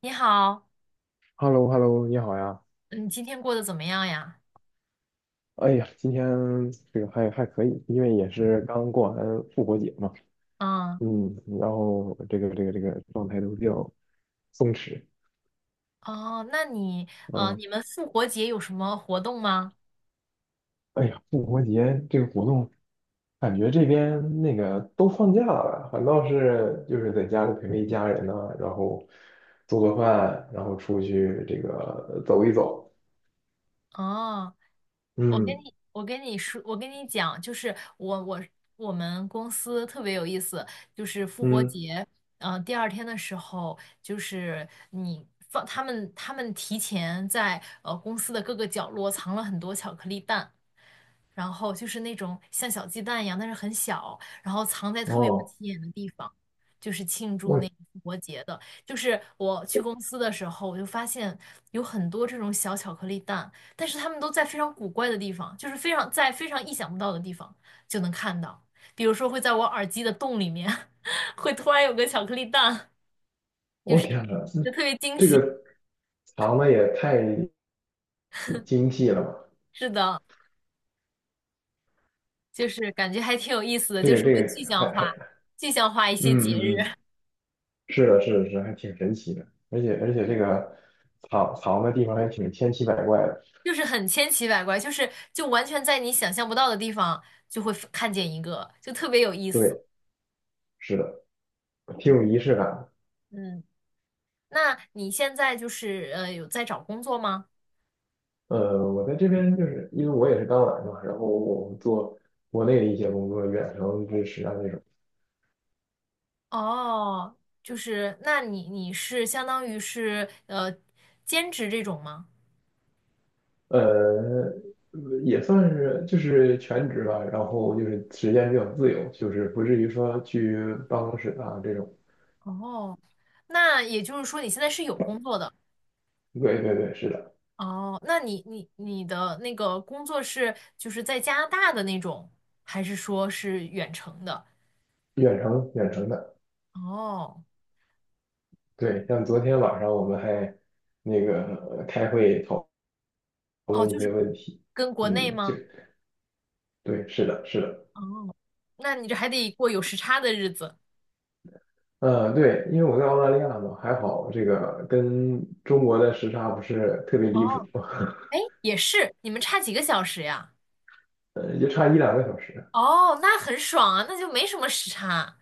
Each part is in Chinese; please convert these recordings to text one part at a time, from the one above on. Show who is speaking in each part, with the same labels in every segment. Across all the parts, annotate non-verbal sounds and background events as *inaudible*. Speaker 1: 你好，
Speaker 2: hello hello 你好呀！
Speaker 1: 你今天过得怎么样呀？
Speaker 2: 哎呀，今天这个可以，因为也是刚过完复活节嘛，
Speaker 1: 嗯，
Speaker 2: 嗯，然后这个状态都比较松弛。
Speaker 1: 哦，那你，
Speaker 2: 嗯，
Speaker 1: 你们复活节有什么活动吗？
Speaker 2: 哎呀，复活节这个活动，感觉这边那个都放假了，反倒是就是在家里陪陪家人呢，然后做做饭，然后出去这个走一走。
Speaker 1: 哦，
Speaker 2: 嗯
Speaker 1: 我跟你讲，就是我我们公司特别有意思，就是复活
Speaker 2: 嗯，
Speaker 1: 节，第二天的时候，就是你放他们提前在公司的各个角落藏了很多巧克力蛋。然后就是那种像小鸡蛋一样，但是很小，然后藏在特别不起
Speaker 2: 哦，
Speaker 1: 眼的地方，就是庆祝
Speaker 2: 我
Speaker 1: 那个复活节的。就是我去公司的时候，我就发现有很多这种小巧克力蛋，但是它们都在非常古怪的地方，就是非常在非常意想不到的地方就能看到，比如说会在我耳机的洞里面，*laughs* 会突然有个巧克力蛋，就
Speaker 2: 我
Speaker 1: 是
Speaker 2: 天呐，
Speaker 1: 就特别惊
Speaker 2: 这
Speaker 1: 喜。
Speaker 2: 个藏的也太精细了嘛。
Speaker 1: 是的，就是感觉还挺有意思的，
Speaker 2: 这
Speaker 1: 就
Speaker 2: 个
Speaker 1: 是
Speaker 2: 这
Speaker 1: 会
Speaker 2: 个还还
Speaker 1: 具象化一些节
Speaker 2: 嗯嗯嗯，
Speaker 1: 日。
Speaker 2: 是的，是的，是的，还挺神奇的，而且而
Speaker 1: *laughs*
Speaker 2: 且这
Speaker 1: 对。
Speaker 2: 个藏藏的地方还挺千奇百怪的。
Speaker 1: 就是很千奇百怪，就完全在你想象不到的地方就会看见一个，就特别有意思。
Speaker 2: 对，是的，挺有仪式感的。
Speaker 1: 嗯，那你现在就是有在找工作吗？
Speaker 2: 我在这边就是因为我也是刚来嘛，然后我们做国内的一些工作，远程支持啊那种。
Speaker 1: 哦，就是那你是相当于是兼职这种吗？
Speaker 2: 呃，也算是就是全职吧，然后就是时间比较自由，就是不至于说去办公室啊这种。
Speaker 1: 哦，那也就是说你现在是有工作的。
Speaker 2: 对对对，是的，
Speaker 1: 哦，那你的那个工作是就是在加拿大的那种，还是说是远程的？
Speaker 2: 远程远程的。
Speaker 1: 哦
Speaker 2: 对，像昨天晚上我们还那个开会讨
Speaker 1: 哦，
Speaker 2: 论一
Speaker 1: 就是
Speaker 2: 些问题。
Speaker 1: 跟国内
Speaker 2: 嗯，
Speaker 1: 吗？
Speaker 2: 对，是的，是的。
Speaker 1: 哦，那你这还得过有时差的日子。
Speaker 2: 嗯，对，因为我在澳大利亚嘛，还好这个跟中国的时差不是特别离谱。
Speaker 1: 哦，
Speaker 2: *laughs*
Speaker 1: 哎，也是，你们差几个小时呀？
Speaker 2: 也就差一两个小时。
Speaker 1: 哦，那很爽啊，那就没什么时差。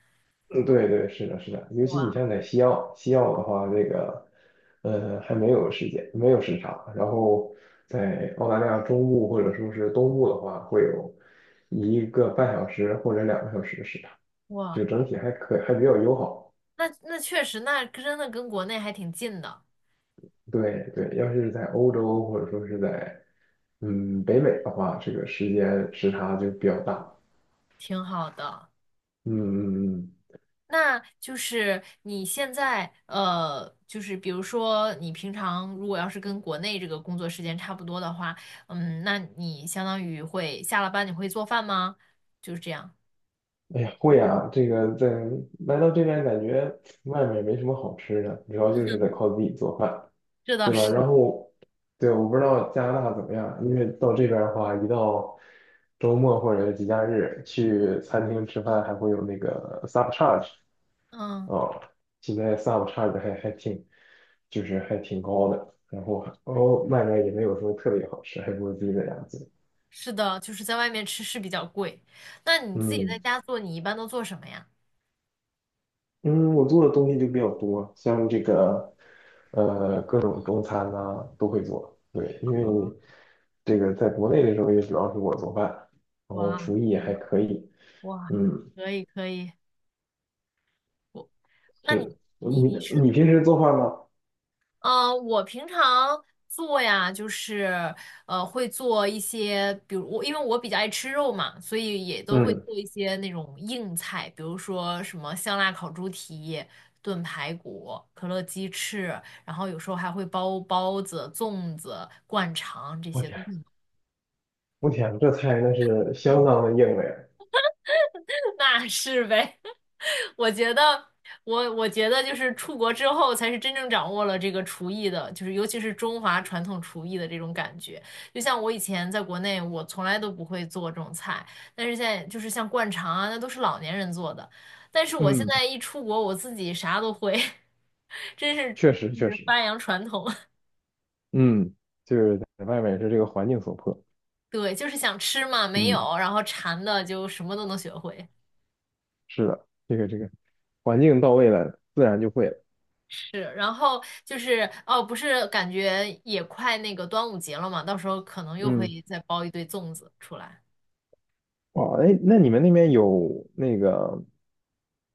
Speaker 2: 嗯，对对，是的，是的，尤其
Speaker 1: 哇
Speaker 2: 你像在西澳，西澳的话，还没有时间，没有时差，然后在澳大利亚中部或者说是东部的话，会有一个半小时或者两个小时的时差。
Speaker 1: 哇，
Speaker 2: 就整体还比较友好。
Speaker 1: 那那确实，那真的跟国内还挺近的，
Speaker 2: 对对，要是在欧洲或者说是在北美的话，这个时间时差就比较大。
Speaker 1: 挺好的。
Speaker 2: 嗯嗯嗯，
Speaker 1: 那就是你现在，就是比如说你平常如果要是跟国内这个工作时间差不多的话，嗯，那你相当于会下了班你会做饭吗？就是这样。
Speaker 2: 嗯哎呀，会啊，这个在来到这边感觉外面没什么好吃的，主要就是得靠自己做饭。
Speaker 1: 这倒
Speaker 2: 对吧？
Speaker 1: 是。
Speaker 2: 然后对，我不知道加拿大怎么样，因为到这边的话，一到周末或者是节假日去餐厅吃饭，还会有那个 sub charge。
Speaker 1: 嗯。
Speaker 2: 哦，现在 sub 差的还还挺，就是还挺高的。然后哦外卖也没有什么特别好吃，还不如自己在家做。
Speaker 1: 是的，就是在外面吃是比较贵。那你自己在
Speaker 2: 嗯
Speaker 1: 家做，你一般都做什么呀？
Speaker 2: 嗯，我做的东西就比较多，像这个各种中餐呐，都会做。对，
Speaker 1: *laughs*
Speaker 2: 因为
Speaker 1: 哦，
Speaker 2: 你这个在国内的时候也主要是我做饭，然后
Speaker 1: 哇，
Speaker 2: 厨艺也
Speaker 1: 挺
Speaker 2: 还
Speaker 1: 好，
Speaker 2: 可以。
Speaker 1: 哇，
Speaker 2: 嗯，
Speaker 1: 可以可以，那你
Speaker 2: 是
Speaker 1: 你
Speaker 2: 你
Speaker 1: 你是
Speaker 2: 你平时做饭吗？
Speaker 1: 我平常做呀，就是会做一些，比如我因为我比较爱吃肉嘛，所以也都会
Speaker 2: 嗯，
Speaker 1: 做一些那种硬菜，比如说什么香辣烤猪蹄、炖排骨、可乐鸡翅，然后有时候还会包包子、粽子、灌肠这
Speaker 2: 我
Speaker 1: 些
Speaker 2: 天，
Speaker 1: 都。会。
Speaker 2: 我天，这菜那是相当的硬了呀。
Speaker 1: *laughs* 那是呗，*laughs* 我觉得，我觉得就是出国之后才是真正掌握了这个厨艺的，就是尤其是中华传统厨艺的这种感觉。就像我以前在国内，我从来都不会做这种菜，但是现在就是像灌肠啊，那都是老年人做的。但是我现
Speaker 2: 嗯，
Speaker 1: 在一出国，我自己啥都会，*laughs* 真是
Speaker 2: 确实
Speaker 1: 就
Speaker 2: 确
Speaker 1: 是
Speaker 2: 实。
Speaker 1: 发扬传统。*laughs*
Speaker 2: 嗯，就是在外面是这个环境所迫。
Speaker 1: 对，就是想吃嘛，没
Speaker 2: 嗯，
Speaker 1: 有，然后馋的就什么都能学会。
Speaker 2: 是的，这个环境到位了，自然就会了。
Speaker 1: 是，然后就是哦，不是感觉也快那个端午节了嘛，到时候可能又会
Speaker 2: 嗯，
Speaker 1: 再包一堆粽子出来。
Speaker 2: 哦，哎，那你们那边有那个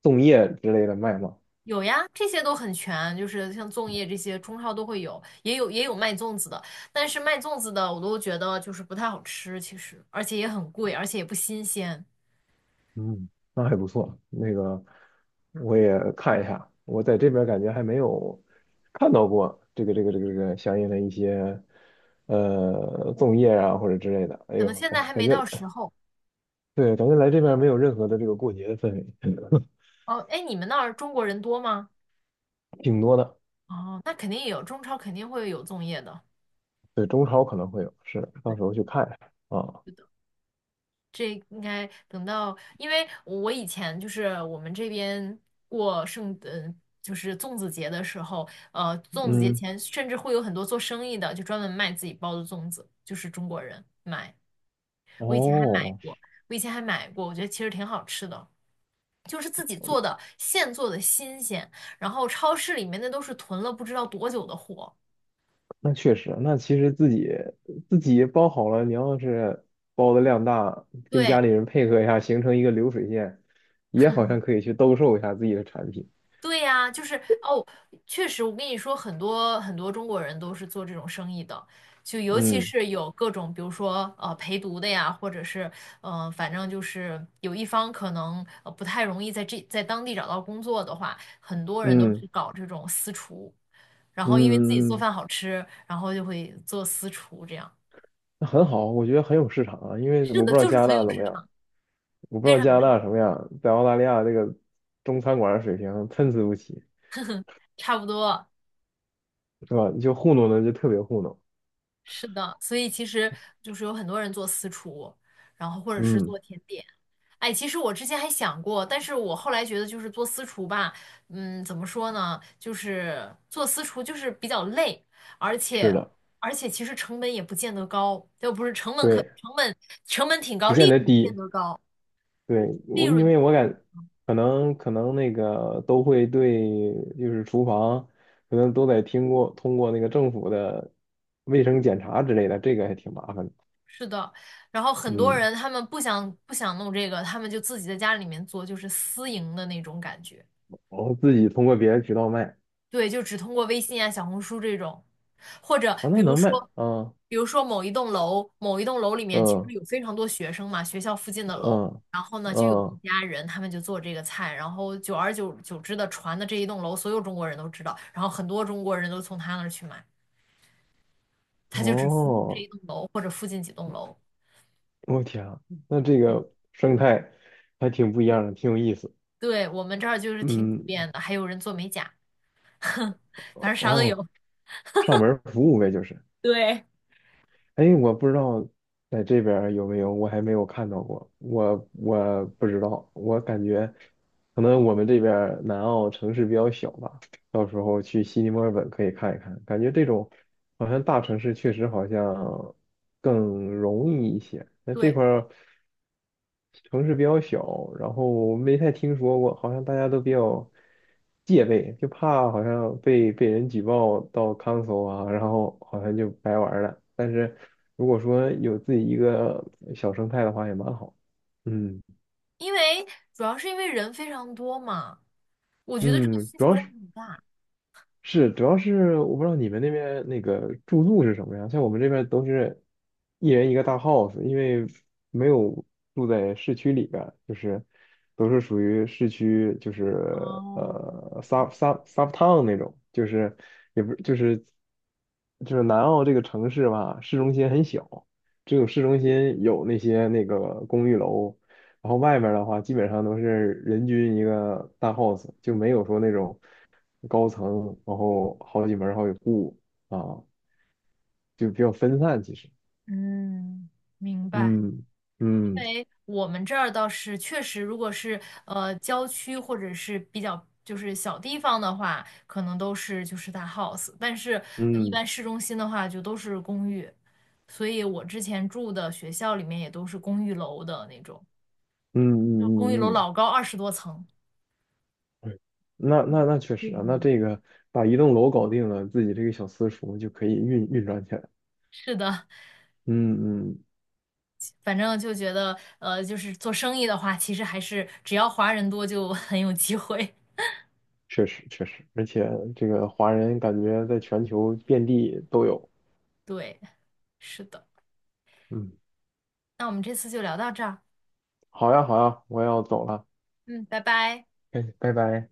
Speaker 2: 粽叶之类的卖吗？
Speaker 1: 有呀，这些都很全，就是像粽叶这些，中超都会有，也有卖粽子的，但是卖粽子的我都觉得就是不太好吃，其实，而且也很贵，而且也不新鲜，
Speaker 2: 嗯，那还不错。那个我也看一下，我在这边感觉还没有看到过这个相应的一些粽叶啊或者之类的。哎
Speaker 1: 可能
Speaker 2: 呦，
Speaker 1: 现在
Speaker 2: 感
Speaker 1: 还
Speaker 2: 感
Speaker 1: 没
Speaker 2: 觉
Speaker 1: 到时候。
Speaker 2: 对，感觉来这边没有任何的这个过节的氛围。
Speaker 1: 哦，哎，你们那儿中国人多吗？
Speaker 2: 挺多的。
Speaker 1: 哦，那肯定有，中超肯定会有粽叶的。
Speaker 2: 对，中超可能会有，是，到
Speaker 1: 对。
Speaker 2: 时候去看一下啊。
Speaker 1: 是的。这应该等到，因为我以前就是我们这边过圣，就是粽子节的时候，粽子节
Speaker 2: 嗯，
Speaker 1: 前甚至会有很多做生意的，就专门卖自己包的粽子，就是中国人买。我以前还买
Speaker 2: 哦，
Speaker 1: 过，我以前还买过，我觉得其实挺好吃的，就是自己做的，现做的新鲜，然后超市里面那都是囤了不知道多久的货。
Speaker 2: 那确实，那其实自己包好了，你要是包的量大，跟家
Speaker 1: 对，
Speaker 2: 里人配合一下，形成一个流水线，也好像可以去兜售一下自己的产品。
Speaker 1: 对呀，就是哦，确实，我跟你说，很多中国人都是做这种生意的，就尤其
Speaker 2: 嗯
Speaker 1: 是有各种，比如说陪读的呀，或者是反正就是有一方可能不太容易在这当地找到工作的话，很多人都是
Speaker 2: 嗯
Speaker 1: 搞这种私厨，然后因为自己做
Speaker 2: 嗯，
Speaker 1: 饭好吃，然后就会做私厨这样。
Speaker 2: 那很好，我觉得很有市场啊，因为
Speaker 1: 是
Speaker 2: 我不
Speaker 1: 的，
Speaker 2: 知道
Speaker 1: 就是
Speaker 2: 加拿
Speaker 1: 很
Speaker 2: 大
Speaker 1: 有
Speaker 2: 怎
Speaker 1: 市
Speaker 2: 么样，
Speaker 1: 场，
Speaker 2: 我不知
Speaker 1: 非
Speaker 2: 道
Speaker 1: 常
Speaker 2: 加
Speaker 1: 有
Speaker 2: 拿
Speaker 1: 市
Speaker 2: 大
Speaker 1: 场，
Speaker 2: 什么样，在澳大利亚这个中餐馆的水平参差不齐，
Speaker 1: 差不多，
Speaker 2: 是吧？就糊弄的就特别糊弄。
Speaker 1: 是的，所以其实就是有很多人做私厨，然后或者是
Speaker 2: 嗯，
Speaker 1: 做甜点。哎，其实我之前还想过，但是我后来觉得就是做私厨吧，嗯，怎么说呢，就是做私厨就是比较累，而
Speaker 2: 是
Speaker 1: 且
Speaker 2: 的。
Speaker 1: 其实成本也不见得高，就不是成本可
Speaker 2: 对。
Speaker 1: 成本成本挺高，
Speaker 2: 不见
Speaker 1: 利
Speaker 2: 得
Speaker 1: 润不见
Speaker 2: 低。
Speaker 1: 得高，
Speaker 2: 对，
Speaker 1: 利
Speaker 2: 因
Speaker 1: 润
Speaker 2: 为我可能那个都会对，就是厨房可能都得通过那个政府的卫生检查之类的，这个还挺麻烦的。
Speaker 1: 是的。然后很多
Speaker 2: 嗯，
Speaker 1: 人他们不想弄这个，他们就自己在家里面做，就是私营的那种感觉。
Speaker 2: 然后自己通过别的渠道卖
Speaker 1: 对，就只通过微信啊、小红书这种，或者
Speaker 2: 啊，
Speaker 1: 比
Speaker 2: 那
Speaker 1: 如
Speaker 2: 能卖
Speaker 1: 说，
Speaker 2: 啊。
Speaker 1: 比如说某一栋楼里面其实
Speaker 2: 嗯
Speaker 1: 有非常多学生嘛，学校附近的楼，
Speaker 2: 嗯
Speaker 1: 然后呢就有一
Speaker 2: 嗯，
Speaker 1: 家人，他们就做这个菜，然后久而久久之的传的这一栋楼，所有中国人都知道，然后很多中国人都从他那儿去买，他就只服务这
Speaker 2: 哦，
Speaker 1: 一栋楼或者附近几栋楼。
Speaker 2: 我天啊，那这个生态还挺不一样的，挺有意思。
Speaker 1: 对，我们这儿就是挺普
Speaker 2: 嗯，
Speaker 1: 遍的，还有人做美甲，*laughs* 哼，反正啥都
Speaker 2: 哦，
Speaker 1: 有。
Speaker 2: 上门服务呗，就是。
Speaker 1: 对，
Speaker 2: 哎，我不知道在这边儿有没有，我还没有看到过，我不知道，我感觉可能我们这边儿南澳城市比较小吧，到时候去悉尼、墨尔本可以看一看，感觉这种好像大城市确实好像更容易一些。那这
Speaker 1: 对，
Speaker 2: 块儿城市比较小，然后没太听说过，好像大家都比较戒备，就怕好像被人举报到 concil 啊，然后好像就白玩儿了。但是如果说有自己一个小生态的话，也蛮好。嗯
Speaker 1: 因为主要是因为人非常多嘛。我觉得这个
Speaker 2: 嗯，
Speaker 1: 需
Speaker 2: 主
Speaker 1: 求
Speaker 2: 要
Speaker 1: 量
Speaker 2: 是。
Speaker 1: 很大。
Speaker 2: 是，主要是我不知道你们那边那个住宿是什么样，像我们这边都是一人一个大 house，因为没有住在市区里边儿就是都是属于市区，就是
Speaker 1: 哦，
Speaker 2: sub town 那种，就是也不就是南澳这个城市吧，市中心很小，只有市中心有那个公寓楼，然后外面儿的话基本上都是人均一个大 house，就没有说那种高层，然后好几门儿好几户啊，就比较分散其实。
Speaker 1: 嗯，明白。
Speaker 2: 嗯嗯
Speaker 1: 因为我们这儿倒是确实，如果是郊区或者是比较就是小地方的话，可能都是就是大 house，但是一
Speaker 2: 嗯
Speaker 1: 般市中心的话就都是公寓。所以我之前住的学校里面也都是公寓楼的那种，
Speaker 2: 嗯
Speaker 1: 就公寓
Speaker 2: 嗯嗯
Speaker 1: 楼
Speaker 2: 嗯，
Speaker 1: 老高，20多层。
Speaker 2: 对，那确实啊，那这个把一栋楼搞定了，自己这个小私塾就可以运转起来。
Speaker 1: 是的，
Speaker 2: 嗯嗯，
Speaker 1: 反正就觉得就是做生意的话，其实还是只要华人多就很有机会。
Speaker 2: 确实确实，而且这个华人感觉在全球遍地都有。
Speaker 1: 对，是的。
Speaker 2: 嗯，
Speaker 1: 那我们这次就聊到这儿，
Speaker 2: 好呀好呀，我要走了，
Speaker 1: 嗯，拜拜。
Speaker 2: 哎，拜拜。